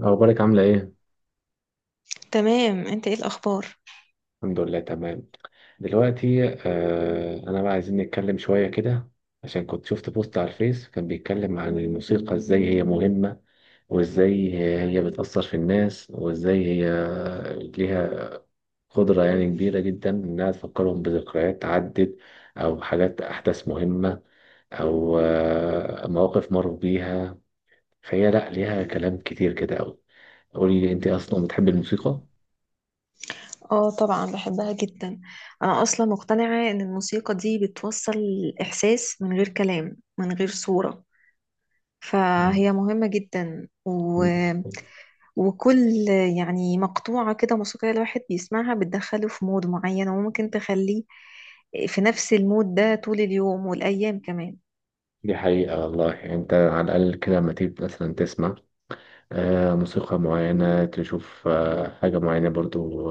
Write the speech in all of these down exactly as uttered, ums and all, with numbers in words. أخبارك عاملة إيه؟ تمام، انت ايه الاخبار؟ الحمد لله تمام. دلوقتي آه أنا بقى عايزين نتكلم شوية كده، عشان كنت شفت بوست على الفيس كان بيتكلم عن الموسيقى، إزاي هي مهمة وإزاي هي بتأثر في الناس وإزاي هي ليها قدرة يعني كبيرة جدا إنها تفكرهم بذكريات عدت أو حاجات أحداث مهمة أو آه مواقف مروا بيها. فهي لأ، ليها كلام كتير كده أوي. قولي أنت أصلا بتحبي الموسيقى؟ اه، طبعا بحبها جدا. انا اصلا مقتنعة ان الموسيقى دي بتوصل الاحساس من غير كلام من غير صورة، فهي مهمة جدا و... مم. وكل يعني مقطوعة كده موسيقية الواحد بيسمعها بتدخله في مود معين، وممكن تخليه في نفس المود ده طول اليوم والايام كمان. دي حقيقة والله. يعني انت على الأقل كده لما تيجي مثلا تسمع آه، موسيقى معينة، تشوف آه، حاجة معينة، برضو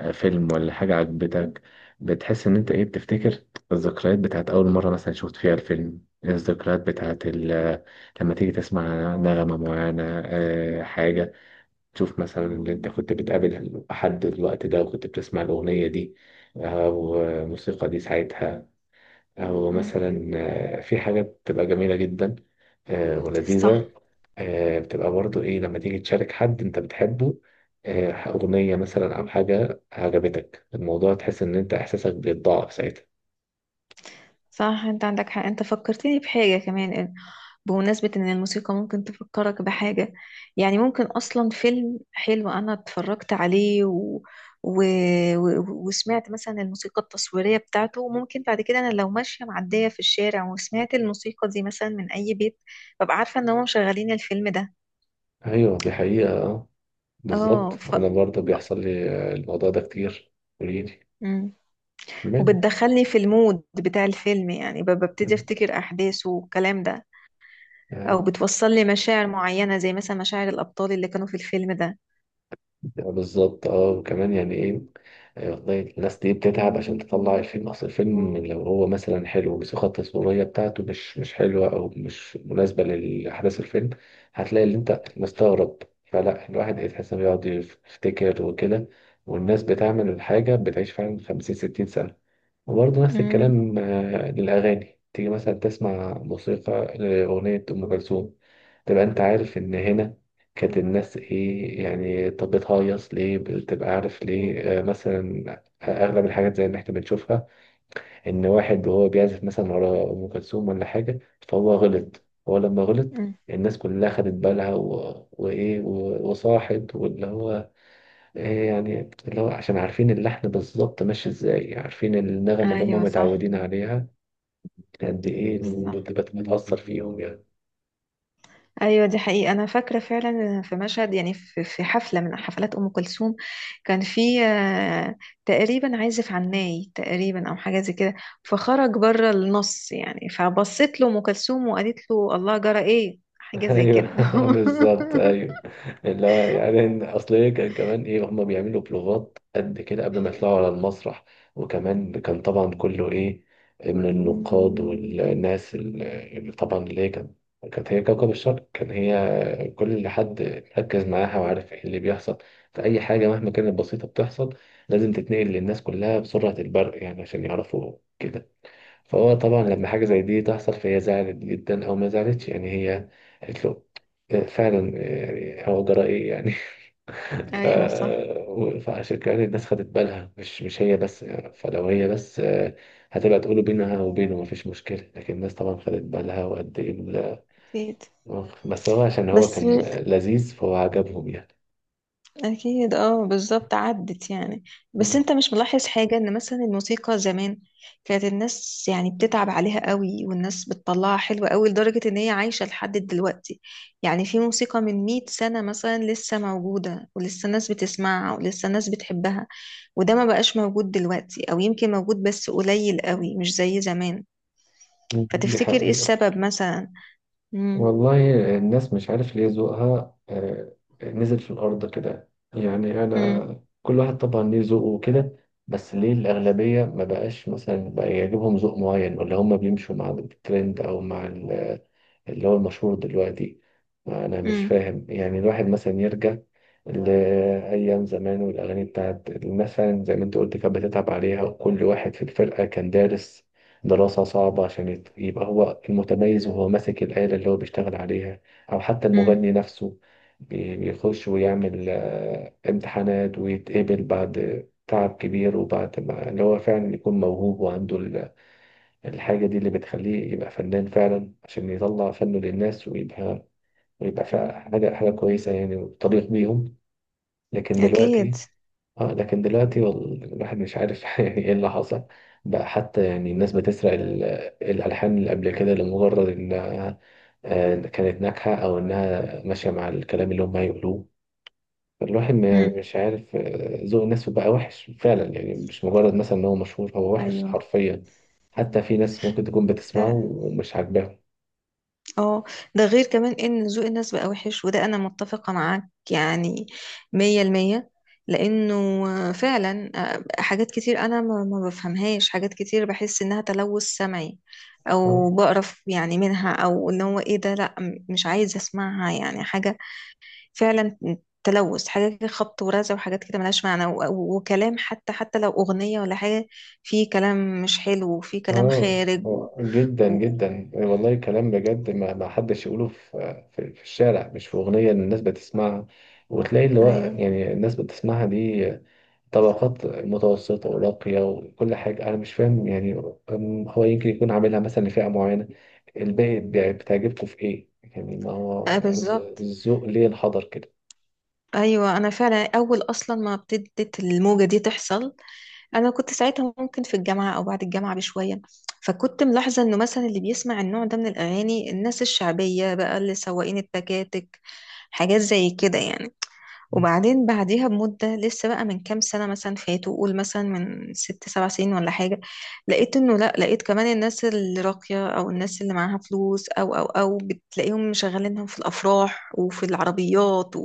آه، فيلم ولا حاجة عجبتك، بتحس إن أنت إيه، بتفتكر الذكريات بتاعت أول مرة مثلا شفت فيها الفيلم، الذكريات بتاعت ال- لما تيجي تسمع نغمة معينة، آه، حاجة تشوف مثلا اللي أنت كنت بتقابل حد الوقت ده وكنت بتسمع الأغنية دي، آه، والموسيقى دي ساعتها، أو مم. مثلا آه، في حاجة بتبقى جميلة جدا آه، صح. ولذيذة. آه، بتبقى برضو إيه لما تيجي تشارك حد أنت بتحبه آه، أغنية مثلا أو حاجة عجبتك الموضوع، تحس إن أنت إحساسك بيتضاعف ساعتها. صح، انت عندك حق، انت فكرتني بحاجة كمان بمناسبة إن الموسيقى ممكن تفكرك بحاجة. يعني ممكن أصلا فيلم حلو أنا اتفرجت عليه و... و... و... وسمعت مثلا الموسيقى التصويرية بتاعته، ممكن بعد كده أنا لو ماشية معدية في الشارع وسمعت الموسيقى دي مثلا من أي بيت، ببقى عارفة إن هم مشغلين الفيلم ده. أيوه، دي حقيقة. آه، اه بالظبط، ف... أنا برضو بيحصل لي آه، الموضوع ده كتير. قوليلي، مم. كملي. وبتدخلني في المود بتاع الفيلم، يعني ب- ببتدي مم. أفتكر أحداثه والكلام ده. أو أيوه، بتوصل لي مشاعر معينة زي مثلا مشاعر الأبطال اللي كانوا في الفيلم ده. بالظبط، اه. وكمان يعني ايه آه، والله، الناس دي بتتعب عشان تطلع الفيلم. اصل الفيلم لو هو مثلا حلو، بس الخطة التصويرية بتاعته مش مش حلوة او مش مناسبة لاحداث الفيلم، هتلاقي اللي انت مستغرب. فلا، الواحد يتحس انه بيقعد يفتكر وكده، والناس بتعمل الحاجة بتعيش فعلا خمسين ستين سنة. وبرضه نفس مم. الكلام آه، للأغاني، تيجي مثلا تسمع موسيقى لأغنية أم كلثوم، تبقى أنت عارف إن هنا كانت الناس إيه يعني، طب بتهيص ليه، بتبقى عارف ليه. آه، مثلا أغلب الحاجات زي اللي إحنا بنشوفها، إن واحد وهو بيعزف مثلا ورا أم كلثوم ولا حاجة فهو غلط، هو لما غلط مم. الناس كلها خدت بالها و... وإيه، و... وصاحت واللي هو إيه يعني، اللي هو عشان عارفين اللحن بالظبط ماشي ازاي، عارفين النغم اللي هم ايوه، صح. متعودين عليها، قد ايه صح. بت- بت- بتأثر فيهم يعني. ايوه، دي حقيقة، انا فاكرة فعلا في مشهد، يعني في في حفلة من حفلات ام كلثوم كان في آه، تقريبا عازف عناي تقريبا او حاجة زي كده، فخرج بره النص. يعني فبصت له ام كلثوم وقالت له الله جرى ايه، حاجة زي كده. ايوه بالظبط، ايوه. اللي هو يعني إن- اصل إيه، كان كمان ايه، هما بيعملوا بلوغات قد كده قبل ما مم. يطلعوا على المسرح. وكمان كان طبعا كله ايه، من النقاد والناس اللي اللي طبعا، اللي هي كانت كانت هي كوكب الشرق، كان هي كل اللي حد مركز معاها وعارف ايه اللي بيحصل. فأي حاجة مهما كانت بسيطة بتحصل، لازم تتنقل للناس كلها بسرعة البرق يعني، عشان يعرفوا كده. فهو طبعا لما حاجة زي دي تحصل، فهي زعلت جدا أو ما زعلتش، يعني هي قالت له آه، فعلا آه، يعني هو جرى إيه يعني. ف... ايوه، صح. و- فعشان كده الناس خدت بالها، مش مش هي بس. فلو هي بس آه، هتبقى تقوله بينها وبينه مفيش مشكلة، لكن الناس طبعا خدت بالها وقد إيه ال- اكيد. بس هو عشان هو بس كان لذيذ فهو عجبهم يعني. أكيد، اه، بالظبط عدت يعني. بس مم. أنت مش ملاحظ حاجة إن مثلا الموسيقى زمان كانت الناس يعني بتتعب عليها قوي، والناس بتطلعها حلوة قوي لدرجة إن هي عايشة لحد دلوقتي؟ يعني في موسيقى من مية سنة مثلا لسه موجودة ولسه الناس بتسمعها ولسه الناس بتحبها، وده ما بقاش موجود دلوقتي، أو يمكن موجود بس قليل قوي مش زي زمان. دي فتفتكر إيه حقيقة. السبب مثلا؟ مم. والله الناس مش عارف ليه ذوقها آه، نزل في الأرض كده. يعني مم. أنا، كل واحد طبعا ليه ذوقه وكده، بس ليه الأغلبية ما بقاش مثلا بقى يعجبهم ذوق معين، ولا هم بيمشوا مع الترند أو مع اللي هو المشهور دلوقتي. أنا مش مم. فاهم. يعني الواحد مثلا يرجع لأيام زمان والأغاني بتاعت الناس فعلا، زي ما أنت قلت، كانت بتتعب عليها، وكل واحد في الفرقة كان دارس دراسة صعبة عشان يت- يبقى هو المتميز، وهو ماسك الآلة اللي هو بيشتغل عليها، أو حتى مم. المغني نفسه بي- بيخش ويعمل آه، امتحانات ويتقبل بعد تعب كبير، وبعد ما اللي هو فعلا يكون موهوب وعنده الحاجة دي اللي بتخليه يبقى فنان فعلا، عشان يطلع فنه للناس ويبقى، ويبقى فعلا حاجة حاجة كويسة يعني وتليق بيهم. لكن أكيد. دلوقتي، اه لكن دلوقتي وال- الواحد مش عارف يعني ايه اللي حصل. بقى حتى يعني الناس بتسرق ال- الألحان اللي قبل كده لمجرد إنها آه، كانت ناجحة أو إنها ماشية مع الكلام اللي هم هيقولوه. الواحد مم. ما- مش عارف آه، ذوق الناس بقى وحش فعلا، يعني مش مجرد مثلا ان هو مشهور، هو وحش أيوه. حرفيا. حتى في ناس ممكن تكون بتسمعه فعلا. ومش عاجباهم. اه. ده غير كمان ان ذوق الناس بقى وحش، وده انا متفقة معاك يعني مية المية، لانه فعلا، آه، حاجات كتير انا ما ما بفهمهاش، حاجات كتير بحس انها تلوث سمعي، اه. او بقرف يعني منها، او ان هو ايه ده، لا، م- مش عايزة اسمعها يعني حاجة. فعلا تلوث. حاجة كده خبط ورزع وحاجات كده ملهاش معنى، و- و- وكلام، حتى حتى لو اغنية ولا حاجة، في كلام مش حلو وفي كلام اه خارج و... آه، جدا و... جدا والله، كلام بجد ما, ما حدش يقوله في, في, في الشارع، مش في اغنيه إن الناس بتسمعها وتلاقي اللي هو، ايوه. يعني الناس بتسمعها دي طبقات متوسطة وراقية وكل حاجة. أنا مش فاهم يعني، أم، هو يمكن يكون عاملها مثلا لفئة معينة، الباقي بتاع- بتعجبكم في إيه؟ يعني ما هو آه، الذ- بالظبط. الذوق ليه انحدر كده. ايوه، انا فعلا اول اصلا ما ابتدت الموجه دي تحصل، انا كنت ساعتها ممكن في الجامعه او بعد الجامعه بشويه، فكنت ملاحظه انه مثلا اللي بيسمع النوع ده من الاغاني الناس الشعبيه بقى، اللي سواقين التكاتك، حاجات زي كده يعني. مم. وبعدين بعديها بمده، لسه بقى من كام سنه مثلا فاتوا، قول مثلا من ست سبع سنين ولا حاجه، لقيت انه لا، لقيت كمان الناس اللي راقيه او الناس اللي معاها فلوس، او او او بتلاقيهم مشغلينهم في الافراح وفي العربيات،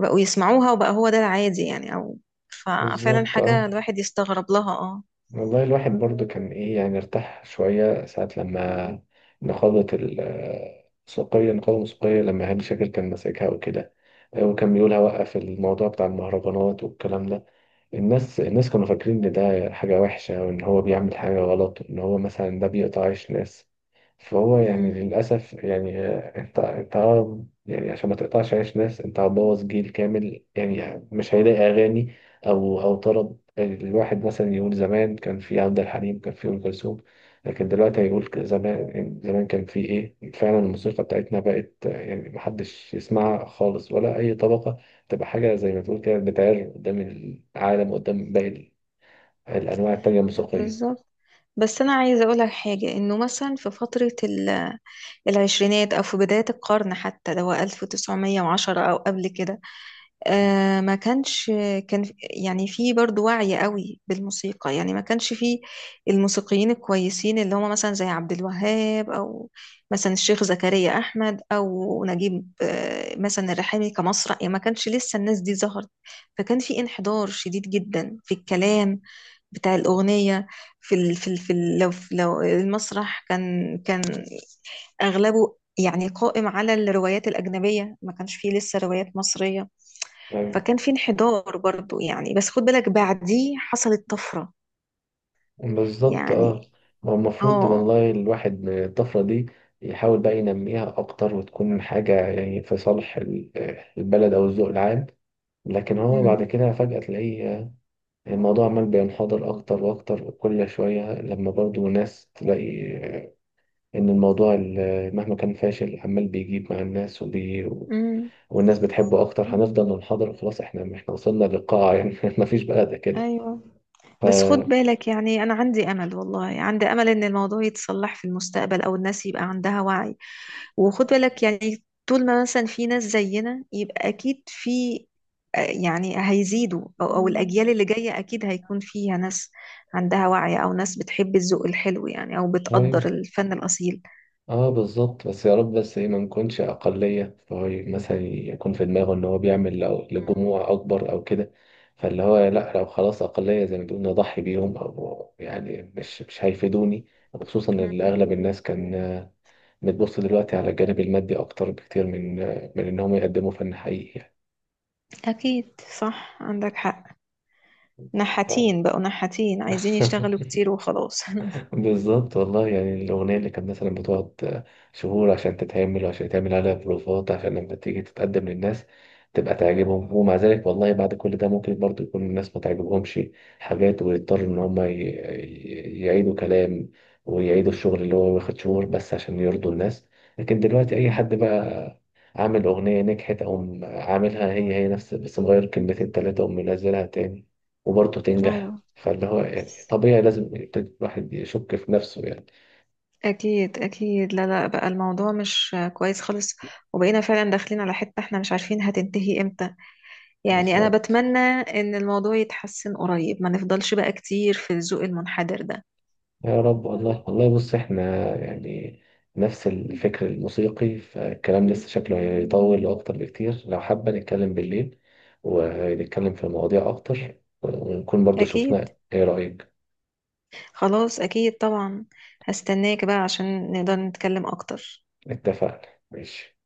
بقوا يسمعوها، وبقى هو ده العادي يعني. او ففعلا بالظبط، حاجة اه. الواحد يستغرب لها، اه. والله الواحد برضو كان إيه يعني، ارتاح شوية ساعة لما نقابة السوقية النقابة الموسيقية، لما هاني شاكر كان ماسكها وكده، وكان بيقول هوقف الموضوع بتاع المهرجانات والكلام ده. الناس الناس كانوا فاكرين ان ده حاجة وحشة، وان هو بيعمل حاجة غلط، وان هو مثلا ده بيقطع عيش ناس. فهو يعني امم. للأسف يعني آه، أنت أنت آه، يعني عشان ما تقطعش عيش ناس، أنت هتبوظ جيل كامل يعني. آه، مش هيلاقي أغاني أو أو طرب. يعني الواحد مثلا يقول زمان كان في عبد الحليم، كان في أم كلثوم، لكن دلوقتي هيقول ك- زمان يعني، زمان كان في إيه فعلا. الموسيقى بتاعتنا بقت آه، يعني محدش يسمعها خالص ولا أي طبقة، تبقى حاجة زي ما تقول كده بتعر قدام العالم، قدام باقي الأنواع التانية الموسيقية. بالظبط. بس انا عايزه اقول لك حاجه، انه مثلا في فتره ال- العشرينات او في بدايه القرن، حتى اللي هو ألف وتسعمية وعشرة او قبل كده، آه، ما كانش كان في- يعني في برضو وعي قوي بالموسيقى. يعني ما كانش في الموسيقيين الكويسين اللي هم مثلا زي عبد الوهاب، او مثلا الشيخ زكريا احمد، او نجيب آه، مثلا الرحامي كمسرح، يعني ما كانش لسه الناس دي ظهرت، فكان في انحدار شديد جدا في الكلام بتاع الأغنية. في ال في ال في ال لو لو المسرح كان كان أغلبه يعني قائم على الروايات الأجنبية، ما كانش فيه لسه روايات مصرية، فكان في انحدار برضو يعني، بس خد بالك بعديه حصلت طفرة بالظبط، اه. يعني. ما هو المفروض اه. والله الواحد من الطفرة دي يحاول بقى ينميها أكتر، وتكون حاجة يعني في صالح ال- البلد أو الذوق العام. لكن هو بعد أمم، كده فجأة تلاقيه آه، الموضوع عمال بينحدر أكتر وأكتر كل شوية، لما برضو ناس تلاقي آه، إن الموضوع ال- مهما كان فاشل عمال بيجيب مع الناس وبي... أمم، والناس بتحبه أكتر، هنفضل ننحدر. خلاص إحنا إحنا وصلنا للقاع يعني. مفيش بقى ده كده. ايوه. ف... بس خد بالك يعني انا عندي امل، والله عندي امل ان الموضوع يتصلح في المستقبل او الناس يبقى عندها وعي. وخد بالك يعني طول ما مثلا في ناس زينا، يبقى اكيد في آه، يعني هيزيدوا، او أو الاجيال اللي جاية اكيد هيكون فيها ناس عندها وعي، او ناس بتحب الذوق الحلو يعني، او بتقدر الفن الاصيل. اه بالظبط. بس يا رب بس ايه، ما نكونش اقليه، فهو ي- مثلا يكون في دماغه ان هو بيعمل لو- لجموع اكبر او كده، فاللي هو لا، لو خلاص اقليه زي ما بيقولوا نضحي بيهم او يعني مش مش هيفيدوني. خصوصا ان اغلب الناس كان آه، بتبص دلوقتي على الجانب المادي اكتر بكتير من آه، من ان هم يقدموا فن حقيقي يعني. أكيد، صح، عندك حق. بس نحاتين، بقوا نحاتين عايزين ف... يشتغلوا كتير وخلاص. بالظبط والله. يعني الأغنية اللي كانت مثلا بتقعد شهور عشان تتعمل، وعشان يتعمل عليها بروفات، عشان لما تيجي تتقدم للناس تبقى تعجبهم، ومع ذلك والله بعد كل ده ممكن برضو يكون الناس ما تعجبهمش حاجات، ويضطروا إن هما ي- ي- يعيدوا كلام، ويعيدوا الشغل اللي هو واخد شهور، بس عشان يرضوا الناس. لكن دلوقتي أي حد بقى عامل أغنية نجحت، أو عاملها هي هي نفس بس مغير كلمتين تلاتة ومنزلها تاني وبرضه تنجح. أيوه. فاللي هو يعني طبيعي لازم يبتدي الواحد يشك في نفسه يعني. أكيد أكيد، لا لا، بقى الموضوع مش كويس خالص، وبقينا فعلا داخلين على حتة احنا مش عارفين هتنتهي امتى. يعني أنا بالظبط. بتمنى إن الموضوع يتحسن قريب، ما نفضلش بقى كتير في الذوق المنحدر ده. يا رب والله. والله بص احنا، يعني نفس الفكر الموسيقي، فالكلام لسه شكله هيطول أكتر بكتير، لو حابة نتكلم بالليل ونتكلم في مواضيع أكتر، ونكون برضو أكيد. شفنا، ايه رأيك؟ خلاص، أكيد طبعا، هستناك بقى عشان نقدر نتكلم أكتر. اتفقنا، ماشي.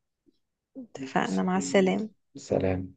اتفقنا، مع السلامة. سلام.